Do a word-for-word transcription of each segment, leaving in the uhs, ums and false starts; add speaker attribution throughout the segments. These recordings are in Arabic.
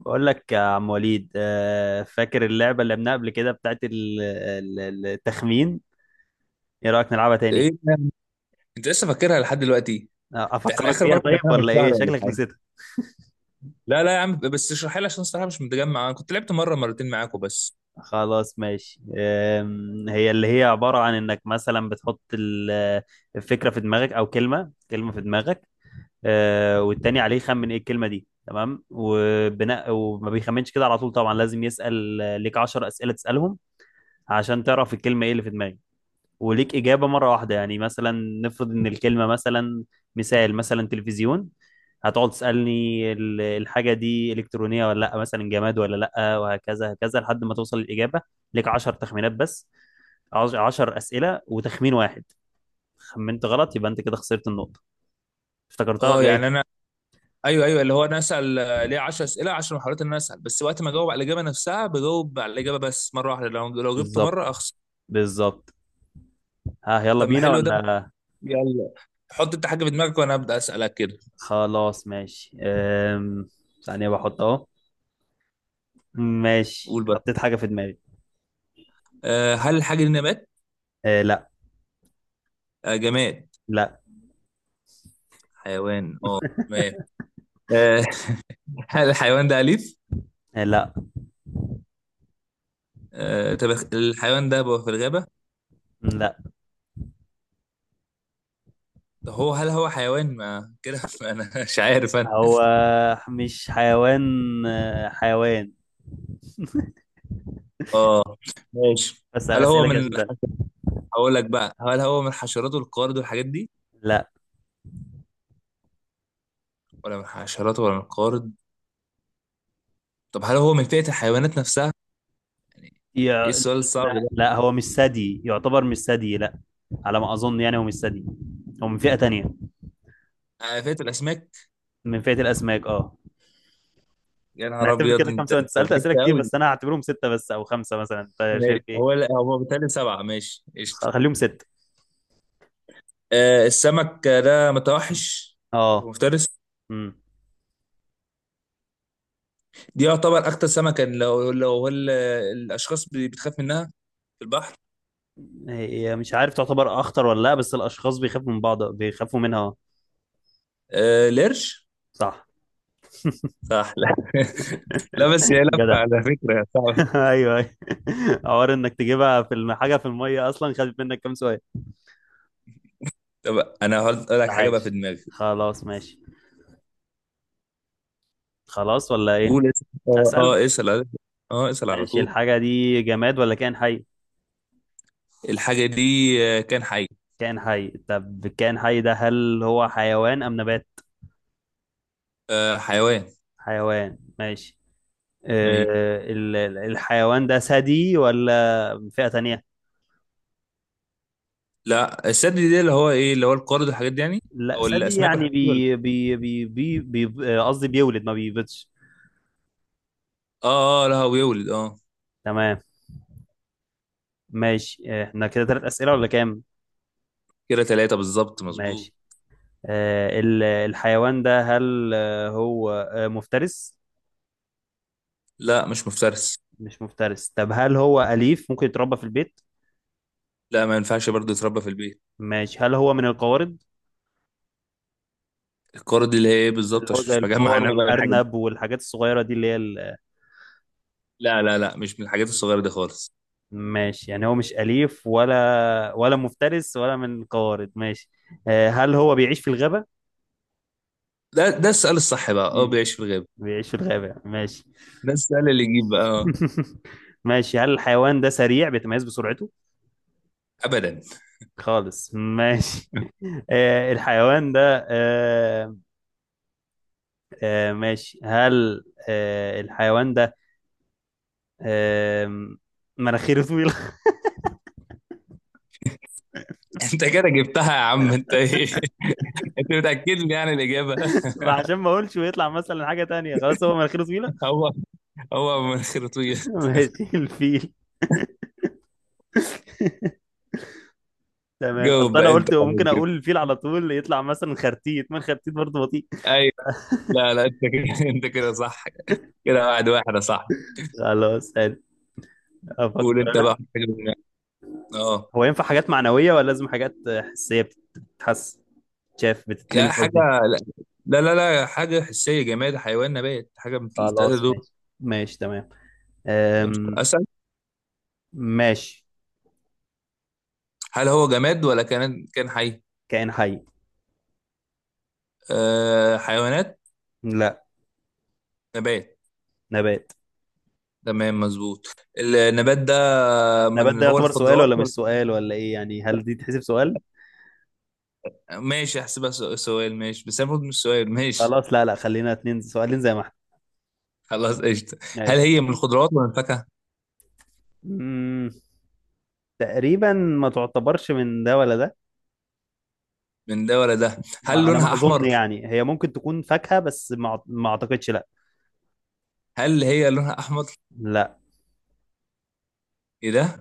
Speaker 1: بقول لك يا عم وليد، آه، فاكر اللعبة اللي لعبناها قبل كده بتاعت ال- ال- ال- التخمين. ايه رأيك نلعبها
Speaker 2: انت
Speaker 1: تاني؟
Speaker 2: ايه ده؟ انت لسه فاكرها لحد دلوقتي؟
Speaker 1: آه،
Speaker 2: ده احنا
Speaker 1: افكرك
Speaker 2: اخر
Speaker 1: بيها،
Speaker 2: مره كنا
Speaker 1: طيب
Speaker 2: بنعملها
Speaker 1: ولا
Speaker 2: من
Speaker 1: ايه
Speaker 2: شهر ولا
Speaker 1: شكلك
Speaker 2: حاجه.
Speaker 1: نسيتها؟
Speaker 2: لا لا يا عم، بس اشرحها لي عشان الصراحه مش متجمع، انا كنت لعبت مره مرتين معاكم بس.
Speaker 1: خلاص ماشي. آم، هي اللي هي عبارة عن انك مثلا بتحط ال- الفكرة في دماغك، او كلمة كلمة في دماغك. آه، والتاني عليه يخمن ايه الكلمة دي. تمام، وبناء وما بيخمنش كده على طول طبعا لازم يسأل آه، ليك عشر أسئلة تسألهم عشان تعرف الكلمة ايه اللي في دماغك. وليك إجابة مرة واحدة، يعني مثلا نفرض إن الكلمة مثلا، مثال مثلا تلفزيون. هتقعد تسألني ال- الحاجة دي إلكترونية ولا لأ، مثلا جماد ولا لأ، وهكذا هكذا لحد ما توصل الإجابة. ليك عشر تخمينات بس. عش- عشر أسئلة وتخمين واحد. خمنت غلط يبقى أنت كده خسرت النقطة. افتكرتها
Speaker 2: اه
Speaker 1: ولا إيه؟
Speaker 2: يعني انا، ايوه ايوه، اللي هو انا اسال، آه، ليه عشر اسئله، عشرة محاولات، ان انا اسال بس، وقت ما اجاوب على الاجابه نفسها بجاوب على الاجابه بس مره واحده، لو لو جبت
Speaker 1: بالظبط.
Speaker 2: مره اخسر.
Speaker 1: بالظبط. ها، يلا
Speaker 2: طب ما
Speaker 1: بينا
Speaker 2: حلو ده،
Speaker 1: ولا؟
Speaker 2: يلا. حط انت حاجه في دماغك وانا ابدا اسالك كده.
Speaker 1: خلاص ماشي. أم... ثانية بحط أهو. ماشي،
Speaker 2: قول بقى.
Speaker 1: حطيت حاجة في دماغي.
Speaker 2: أه هل الحاجه دي نبات؟
Speaker 1: أه، لا.
Speaker 2: أه جماد؟
Speaker 1: لا.
Speaker 2: حيوان، اه. تمام. أه هل الحيوان ده اليف؟
Speaker 1: أه، لا.
Speaker 2: أه طب الحيوان ده بيبقى في الغابه؟
Speaker 1: لا.
Speaker 2: ده هو، هل هو حيوان ما كده؟ انا مش عارف انا.
Speaker 1: هو مش حيوان. آه، حيوان.
Speaker 2: اه ماشي.
Speaker 1: بسأل
Speaker 2: هل هو
Speaker 1: أسئلة كده
Speaker 2: من
Speaker 1: عشان ده.
Speaker 2: هقول لك بقى، هل هو من حشرات القارد والحاجات دي،
Speaker 1: لا،
Speaker 2: ولا من حشرات ولا من القارد؟ طب هل هو من فئة الحيوانات نفسها يعني؟
Speaker 1: يع...
Speaker 2: ايه السؤال الصعب
Speaker 1: لا
Speaker 2: ده؟
Speaker 1: لا، هو مش ثدي، يعتبر مش ثدي، لا. على ما أظن يعني هو مش ثدي. هو من فئة تانية.
Speaker 2: آه، فئة الاسماك؟
Speaker 1: من فئة الأسماك، اه.
Speaker 2: يا
Speaker 1: أنا
Speaker 2: نهار
Speaker 1: هعتبر
Speaker 2: ابيض،
Speaker 1: كده كام
Speaker 2: انت
Speaker 1: سؤال؟ أنت
Speaker 2: أنت
Speaker 1: سألت
Speaker 2: بعدت
Speaker 1: أسئلة كتير
Speaker 2: قوي.
Speaker 1: بس أنا هعتبرهم ستة بس أو خمسة مثلا، أنت شايف
Speaker 2: ماشي هو
Speaker 1: إيه؟
Speaker 2: لا، هو بالتالي سبعة. ماشي قشطة.
Speaker 1: خليهم ستة.
Speaker 2: آه السمك ده متوحش؟ هو
Speaker 1: اه.
Speaker 2: مفترس؟
Speaker 1: امم.
Speaker 2: دي يعتبر اكتر سمكة، لو لو هو ال- الاشخاص بتخاف منها في البحر.
Speaker 1: هي مش عارف تعتبر أخطر ولا لا، بس الأشخاص بيخافوا من بعض، بيخافوا منها اه.
Speaker 2: آه القرش؟
Speaker 1: صح.
Speaker 2: صح؟ لا لا، بس هي لفه
Speaker 1: جدع.
Speaker 2: على فكره صعبه.
Speaker 1: ايوه، ايوه. حوار انك تجيبها في الم- حاجه في الميه اصلا، خدت منك كام سؤال؟
Speaker 2: طب انا هقول لك حاجه بقى في
Speaker 1: عاش.
Speaker 2: دماغي.
Speaker 1: خلاص ماشي. خلاص ولا ايه؟
Speaker 2: قول اسال، اه
Speaker 1: اسال.
Speaker 2: آه، اسال على- اه اسال على
Speaker 1: ماشي،
Speaker 2: طول.
Speaker 1: الحاجه دي جماد ولا كائن حي؟
Speaker 2: الحاجه دي آه، كان حي؟
Speaker 1: كائن حي. طب الكائن حي ده هل هو حيوان ام نبات؟
Speaker 2: آه حيوان؟
Speaker 1: حيوان، ماشي.
Speaker 2: ايوه.
Speaker 1: أه، ال- ال- الحيوان ده ثدي ولا فئه تانية؟
Speaker 2: لا الثدي دي اللي هو ايه، اللي هو القارد والحاجات دي يعني،
Speaker 1: لا،
Speaker 2: او
Speaker 1: ثدي
Speaker 2: الاسماك
Speaker 1: يعني
Speaker 2: والحاجات دي، ولا؟
Speaker 1: بي بي بي بي، بي- آه، قصدي بيولد ما بيبيضش.
Speaker 2: اه اه، لا هو بيولد اه.
Speaker 1: تمام. ماشي، احنا كده ثلاث اسئله ولا كام؟
Speaker 2: كده ثلاثه بالظبط، مظبوط.
Speaker 1: ماشي. آه، ال- الحيوان ده هل آه، هو آه، مفترس؟
Speaker 2: لا مش مفترس.
Speaker 1: مش مفترس. طب هل هو أليف، ممكن يتربى في البيت؟
Speaker 2: لا، ما ينفعش برضه يتربى في البيت.
Speaker 1: ماشي، هل هو من القوارض؟
Speaker 2: القارد اللي هي ايه
Speaker 1: اللي
Speaker 2: بالظبط،
Speaker 1: هو
Speaker 2: عشان
Speaker 1: زي
Speaker 2: مش مجمع
Speaker 1: الفار
Speaker 2: انا بقى الحاجات دي.
Speaker 1: والأرنب والحاجات الصغيرة دي اللي هي ال-
Speaker 2: لا لا لا، مش من الحاجات الصغيره دي خالص.
Speaker 1: ماشي، يعني هو مش أليف، ولا ولا مفترس، ولا من القوارض، ماشي. آه، هل هو بيعيش في الغابة؟
Speaker 2: ده ده السؤال الصح بقى، اه
Speaker 1: مم.
Speaker 2: بيعيش في الغابه.
Speaker 1: بيعيش في الغابة، ماشي.
Speaker 2: ده السؤال اللي يجيب بقى آه.
Speaker 1: ماشي، هل الحيوان ده سريع بيتميز بسرعته؟
Speaker 2: ابدا.
Speaker 1: خالص ماشي. آه، الحيوان ده آه، آه ماشي، هل آه الحيوان ده آه مناخيره طويلة؟
Speaker 2: انت كده جبتها يا عم، انت ايه؟ انت متاكد لي يعني الاجابه؟
Speaker 1: عشان ما اقولش ويطلع مثلا حاجة تانية، خلاص هو مناخيره طويلة.
Speaker 2: هو هو من خرطويه.
Speaker 1: ماشي، الفيل. تمام،
Speaker 2: جاوب
Speaker 1: اصل انا
Speaker 2: بقى انت
Speaker 1: قلت
Speaker 2: خلاص
Speaker 1: ممكن
Speaker 2: كده،
Speaker 1: اقول الفيل على طول يطلع مثلا خرتيت، ما الخرتيت برضه بطيء.
Speaker 2: ايوه. لا لا انت كده انت كده صح، كده واحد واحد يا صاحبي.
Speaker 1: خلاص حلو.
Speaker 2: قول
Speaker 1: افكر
Speaker 2: انت بقى
Speaker 1: انا.
Speaker 2: حاجه من- اه
Speaker 1: هو ينفع حاجات معنوية ولا لازم حاجات حسية؟ بتتحس، شاف،
Speaker 2: يا
Speaker 1: بتتلمس
Speaker 2: حاجه.
Speaker 1: قصدي.
Speaker 2: لا لا لا لا، حاجه حسيه، جماد حيوان نبات، حاجه من الثلاثه
Speaker 1: خلاص
Speaker 2: دول.
Speaker 1: ماشي. ماشي تمام.
Speaker 2: قشطة.
Speaker 1: أم...
Speaker 2: اسال.
Speaker 1: ماشي.
Speaker 2: هل هو جماد ولا كان كان حي؟
Speaker 1: كائن حي.
Speaker 2: آه حيوانات؟
Speaker 1: لا.
Speaker 2: نبات؟
Speaker 1: نبات.
Speaker 2: تمام مظبوط. النبات ده
Speaker 1: النبات
Speaker 2: من
Speaker 1: ده
Speaker 2: هو
Speaker 1: يعتبر سؤال
Speaker 2: الخضروات؟
Speaker 1: ولا مش سؤال، ولا ايه يعني، هل دي تحسب سؤال؟
Speaker 2: ماشي احسبها سو- سؤال، ماشي بس المفروض مش سؤال، ماشي.
Speaker 1: خلاص، لا لا، خلينا اتنين سؤالين زي ما احنا.
Speaker 2: خلاص قشطة. هل
Speaker 1: ماشي.
Speaker 2: هي من الخضروات ولا من الفاكهة؟
Speaker 1: مم، تقريبا ما تعتبرش من ده ولا ده.
Speaker 2: من ده ولا ده؟
Speaker 1: ما-
Speaker 2: هل
Speaker 1: على
Speaker 2: لونها
Speaker 1: ما اظن
Speaker 2: أحمر؟
Speaker 1: يعني هي ممكن تكون فاكهة، بس ما أعت- ما اعتقدش، لا.
Speaker 2: هل هي لونها أحمر؟
Speaker 1: لا.
Speaker 2: إيه ده؟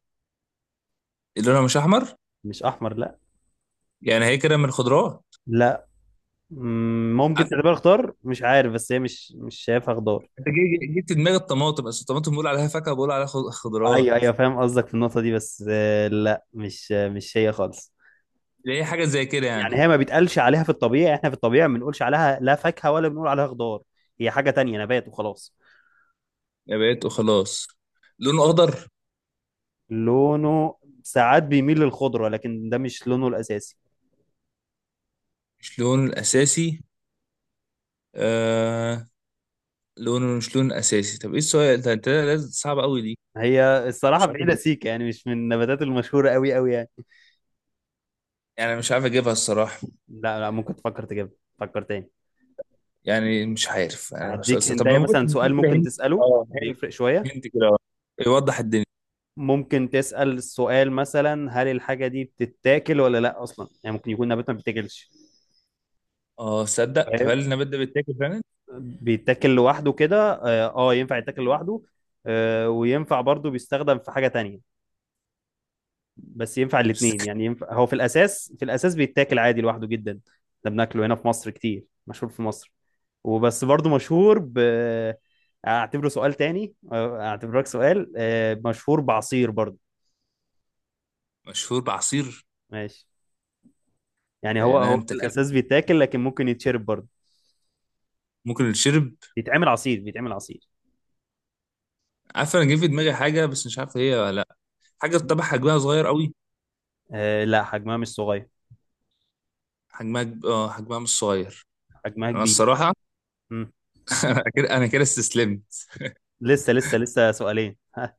Speaker 2: إيه، لونها مش أحمر؟
Speaker 1: مش احمر، لا.
Speaker 2: يعني هي كده من الخضروات؟
Speaker 1: لا. مم، ممكن
Speaker 2: عارف،
Speaker 1: تعتبرها خضار، مش عارف، بس هي مش مش شايفها خضار.
Speaker 2: أنت جي- جي- جبت دماغ الطماطم، بس الطماطم بقول عليها فاكهة، بقول عليها خ-
Speaker 1: ايوه
Speaker 2: خضروات،
Speaker 1: ايوه، فاهم قصدك في النقطة دي، بس آه، لا، مش مش هي خالص.
Speaker 2: اللي هي حاجة زي كده يعني.
Speaker 1: يعني هي ما بيتقالش عليها في الطبيعي، احنا في الطبيعي ما بنقولش عليها لا فاكهة ولا بنقول عليها خضار. هي حاجة تانية، نبات وخلاص.
Speaker 2: يا بقيت وخلاص. لونه أخضر؟
Speaker 1: لونه ساعات بيميل للخضرة، لكن ده مش لونه الأساسي.
Speaker 2: مش لونه الأساسي؟ آه، لونه مش لونه الأساسي، طب إيه السؤال ده، أنت لازم صعب أوي دي.
Speaker 1: هي الصراحة
Speaker 2: مش عارف
Speaker 1: بعيدة
Speaker 2: أجيب-
Speaker 1: سيكة، يعني مش من النباتات المشهورة قوي قوي يعني.
Speaker 2: يعني مش عارف أجيبها الصراحة،
Speaker 1: لا لا، ممكن تفكر تجيبها. فكر تاني.
Speaker 2: يعني مش عارف انا، مش
Speaker 1: هديك
Speaker 2: أصلاً.
Speaker 1: انت
Speaker 2: طب ممكن
Speaker 1: مثلا سؤال
Speaker 2: تديني كده
Speaker 1: ممكن
Speaker 2: هنت؟
Speaker 1: تسأله
Speaker 2: اه هنت،
Speaker 1: بيفرق شوية.
Speaker 2: هنت كده آه. يوضح الدنيا.
Speaker 1: ممكن تسأل السؤال مثلا هل الحاجة دي بتتاكل ولا لا، أصلا يعني ممكن يكون نبات ما بيتاكلش.
Speaker 2: اه صدق. طب
Speaker 1: فاهم.
Speaker 2: هل النبات ده بيتاكل فعلا؟
Speaker 1: بيتاكل لوحده كده اه، آه، ينفع يتاكل لوحده. آه وينفع برضه بيستخدم في حاجة تانية. بس ينفع
Speaker 2: مش-
Speaker 1: الاتنين، يعني ينفع، هو في الأساس في الأساس بيتاكل عادي لوحده جدا. ده بناكله هنا في مصر كتير، مشهور في مصر. وبس برضه مشهور ب، اعتبره سؤال تاني، آه، اعتبرك سؤال، آه، مشهور بعصير برضه.
Speaker 2: مشهور بعصير؟
Speaker 1: ماشي. يعني هو
Speaker 2: يعني
Speaker 1: هو
Speaker 2: انت
Speaker 1: في
Speaker 2: كده،
Speaker 1: الأساس بيتاكل، لكن ممكن يتشرب برضه.
Speaker 2: ممكن الشرب.
Speaker 1: بيتعمل عصير، بيتعمل عصير.
Speaker 2: عارف، انا جه في دماغي حاجه بس مش عارف هي ولا لا. حاجه طبعا حجمها صغير قوي؟
Speaker 1: آه لا، حجمها مش صغير.
Speaker 2: حجمها كب- اه حجمها مش صغير.
Speaker 1: حجمها
Speaker 2: انا
Speaker 1: كبير.
Speaker 2: الصراحه انا كده، انا كده استسلمت.
Speaker 1: لسه لسه لسه سؤالين، ها.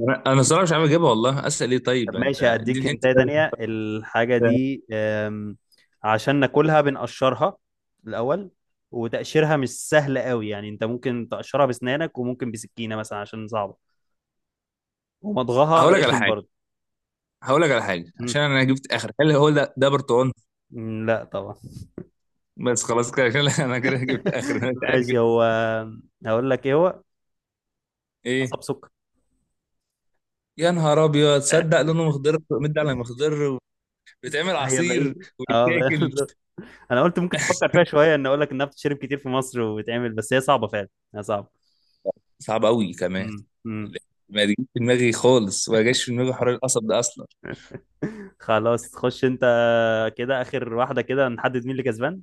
Speaker 2: انا أنا الصراحه مش عارف اجيبها والله، اسال ايه؟
Speaker 1: طب
Speaker 2: طيب انت
Speaker 1: ماشي، هديك
Speaker 2: اديني هنت
Speaker 1: هنتاية
Speaker 2: كده
Speaker 1: تانية. الحاجة دي آم، عشان ناكلها بنقشرها الأول، وتقشيرها مش سهل قوي، يعني انت ممكن تقشرها بسنانك وممكن بسكينة مثلا عشان صعبة. ومضغها
Speaker 2: هقول لك على
Speaker 1: رخم
Speaker 2: حاجه،
Speaker 1: برضه.
Speaker 2: هقول لك على حاجه عشان
Speaker 1: مم.
Speaker 2: انا جبت اخر. هل هو ده ده برتقال؟
Speaker 1: مم، لا طبعا.
Speaker 2: بس خلاص كده، عشان لا، انا كده جبت اخر، انا مش عارف
Speaker 1: ماشي، هو. هقول لك ايه هو،
Speaker 2: ايه.
Speaker 1: قصب سكر.
Speaker 2: يا نهار ابيض، تصدق لونه مخضر، مد على مخضر. بيتعمل
Speaker 1: هي
Speaker 2: عصير
Speaker 1: بعيد، اه،
Speaker 2: ويتاكل
Speaker 1: بالظبط. انا قلت ممكن تفكر فيها شويه، ان اقول لك انها بتتشرب كتير في مصر وبتعمل، بس هي صعبه فعلا. هي صعبه.
Speaker 2: صعب قوي كمان.
Speaker 1: امم.
Speaker 2: لا، ما جاش في دماغي خالص، ما جاش في دماغي حوار القصب ده اصلا.
Speaker 1: خلاص، خش انت. كده اخر واحدة، كده نحدد مين اللي كسبان.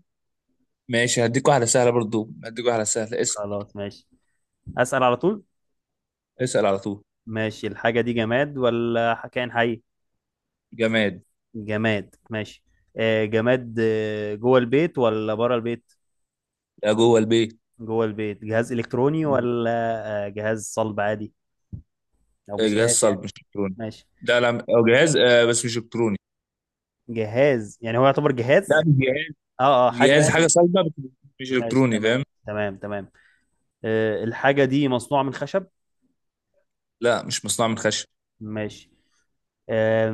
Speaker 2: ماشي، هديك واحده سهله برضو، هديك واحده سهله، اسال.
Speaker 1: خلاص ماشي. اسأل على طول.
Speaker 2: اسال على طول.
Speaker 1: ماشي، الحاجة دي جماد ولا كائن حي؟
Speaker 2: جماد.
Speaker 1: جماد. ماشي. آه جماد، آه، جوه البيت ولا بره البيت؟
Speaker 2: لا جوه البيت.
Speaker 1: جوه البيت. جهاز الكتروني ولا آه جهاز صلب عادي، او مش
Speaker 2: جهاز
Speaker 1: جهاز يعني؟
Speaker 2: صلب مش الكتروني.
Speaker 1: ماشي.
Speaker 2: لا لا، أو جهاز آه بس مش الكتروني.
Speaker 1: جهاز يعني، هو يعتبر
Speaker 2: لا
Speaker 1: جهاز؟
Speaker 2: مش جهاز.
Speaker 1: اه اه، حاجة
Speaker 2: جهاز،
Speaker 1: يعني
Speaker 2: حاجه
Speaker 1: مش-
Speaker 2: صلبه بس مش
Speaker 1: ماشي
Speaker 2: الكتروني،
Speaker 1: تمام.
Speaker 2: فاهم.
Speaker 1: تمام، تمام. آه الحاجة دي مصنوعة من خشب؟
Speaker 2: لا مش مصنوع من خشب.
Speaker 1: ماشي. آه،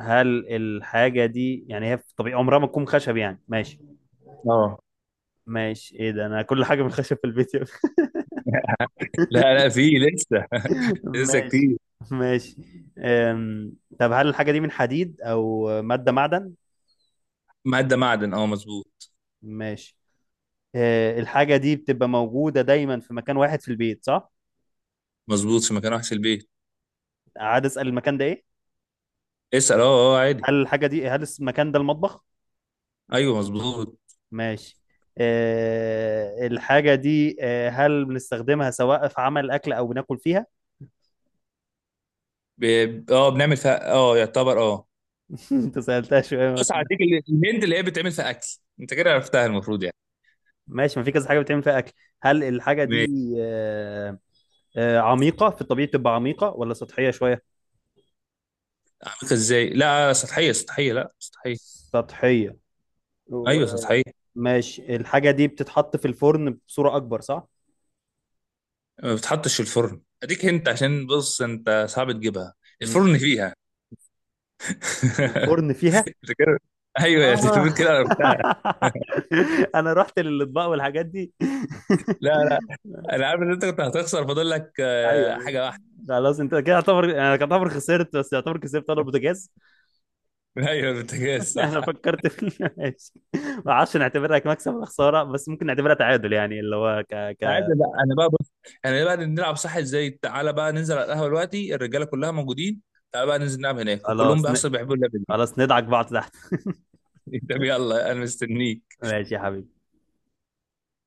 Speaker 1: هل الحاجة دي يعني هي في طبيعي عمرها ما تكون خشب، يعني ماشي.
Speaker 2: اه.
Speaker 1: ماشي، ايه ده، انا كل حاجة من خشب في البيت يا ابني.
Speaker 2: لا لا في لسه لسه
Speaker 1: ماشي.
Speaker 2: كتير.
Speaker 1: ماشي. أم... طب هل الحاجة دي من حديد او مادة معدن؟
Speaker 2: معدة معدن، اه مظبوط.
Speaker 1: ماشي. أه الحاجة دي بتبقى موجودة دايما في مكان واحد في البيت، صح؟
Speaker 2: مظبوط، في مكان وحش البيت.
Speaker 1: عاد اسأل، المكان ده ايه؟
Speaker 2: اسأل، اه. اه عادي.
Speaker 1: هل الحاجة دي هل المكان ده المطبخ؟
Speaker 2: ايوه مظبوط.
Speaker 1: ماشي. أه الحاجة دي أه هل بنستخدمها سواء في عمل أكل أو بناكل فيها؟
Speaker 2: ب... اه بنعمل فيها اه، يعتبر اه.
Speaker 1: أنت سألتها شوية.
Speaker 2: بص، هديك ال- الهند اللي هي بتعمل فيها اكل، انت كده عرفتها المفروض يعني.
Speaker 1: ماشي، ما في كذا حاجه بتعمل فيها اكل. هل الحاجه
Speaker 2: ماشي
Speaker 1: دي آه، آه، عميقه، في الطبيعي بتبقى عميقه ولا سطحيه شويه؟
Speaker 2: عملتها ازاي. لا سطحية سطحية، لا سطحية.
Speaker 1: سطحيه. و-
Speaker 2: ايوه سطحية.
Speaker 1: ماشي، الحاجه دي بتتحط في الفرن بصوره اكبر، صح؟
Speaker 2: ما بتحطش في الفرن، اديك هنت عشان بص انت صعب تجيبها.
Speaker 1: مم.
Speaker 2: الفرن فيها
Speaker 1: الفرن فيها.
Speaker 2: انت كده، ايوه يا
Speaker 1: آه.
Speaker 2: تلفون كده عرفتها.
Speaker 1: انا رحت للاطباق والحاجات دي
Speaker 2: لا لا. انا عارف ان انت كنت هتخسر، فاضل لك
Speaker 1: ايوه،
Speaker 2: آه،
Speaker 1: أيوة.
Speaker 2: حاجة واحدة.
Speaker 1: خلاص انت كده يعتبر، انا يعتبر خسرت بس يعتبر كسبت، انا البوتاجاز.
Speaker 2: ايوه البوتاجاز، صح.
Speaker 1: انا فكرت في ماشي. ما اعرفش نعتبرها كمكسب ولا خساره، بس ممكن نعتبرها تعادل، يعني اللي هو ك،
Speaker 2: عادي
Speaker 1: ك،
Speaker 2: لا، انا بقى بص، احنا بقى نلعب صح ازاي؟ تعالى بقى ننزل على القهوه دلوقتي الرجاله كلها موجودين، تعالى بقى ننزل نلعب هناك وكلهم
Speaker 1: خلاص
Speaker 2: بقى
Speaker 1: ن...
Speaker 2: اصلا بيحبوا اللعبه دي.
Speaker 1: خلاص ندعك بعض تحت.
Speaker 2: طب يلا، انا مستنيك.
Speaker 1: ماشي يا حبيبي.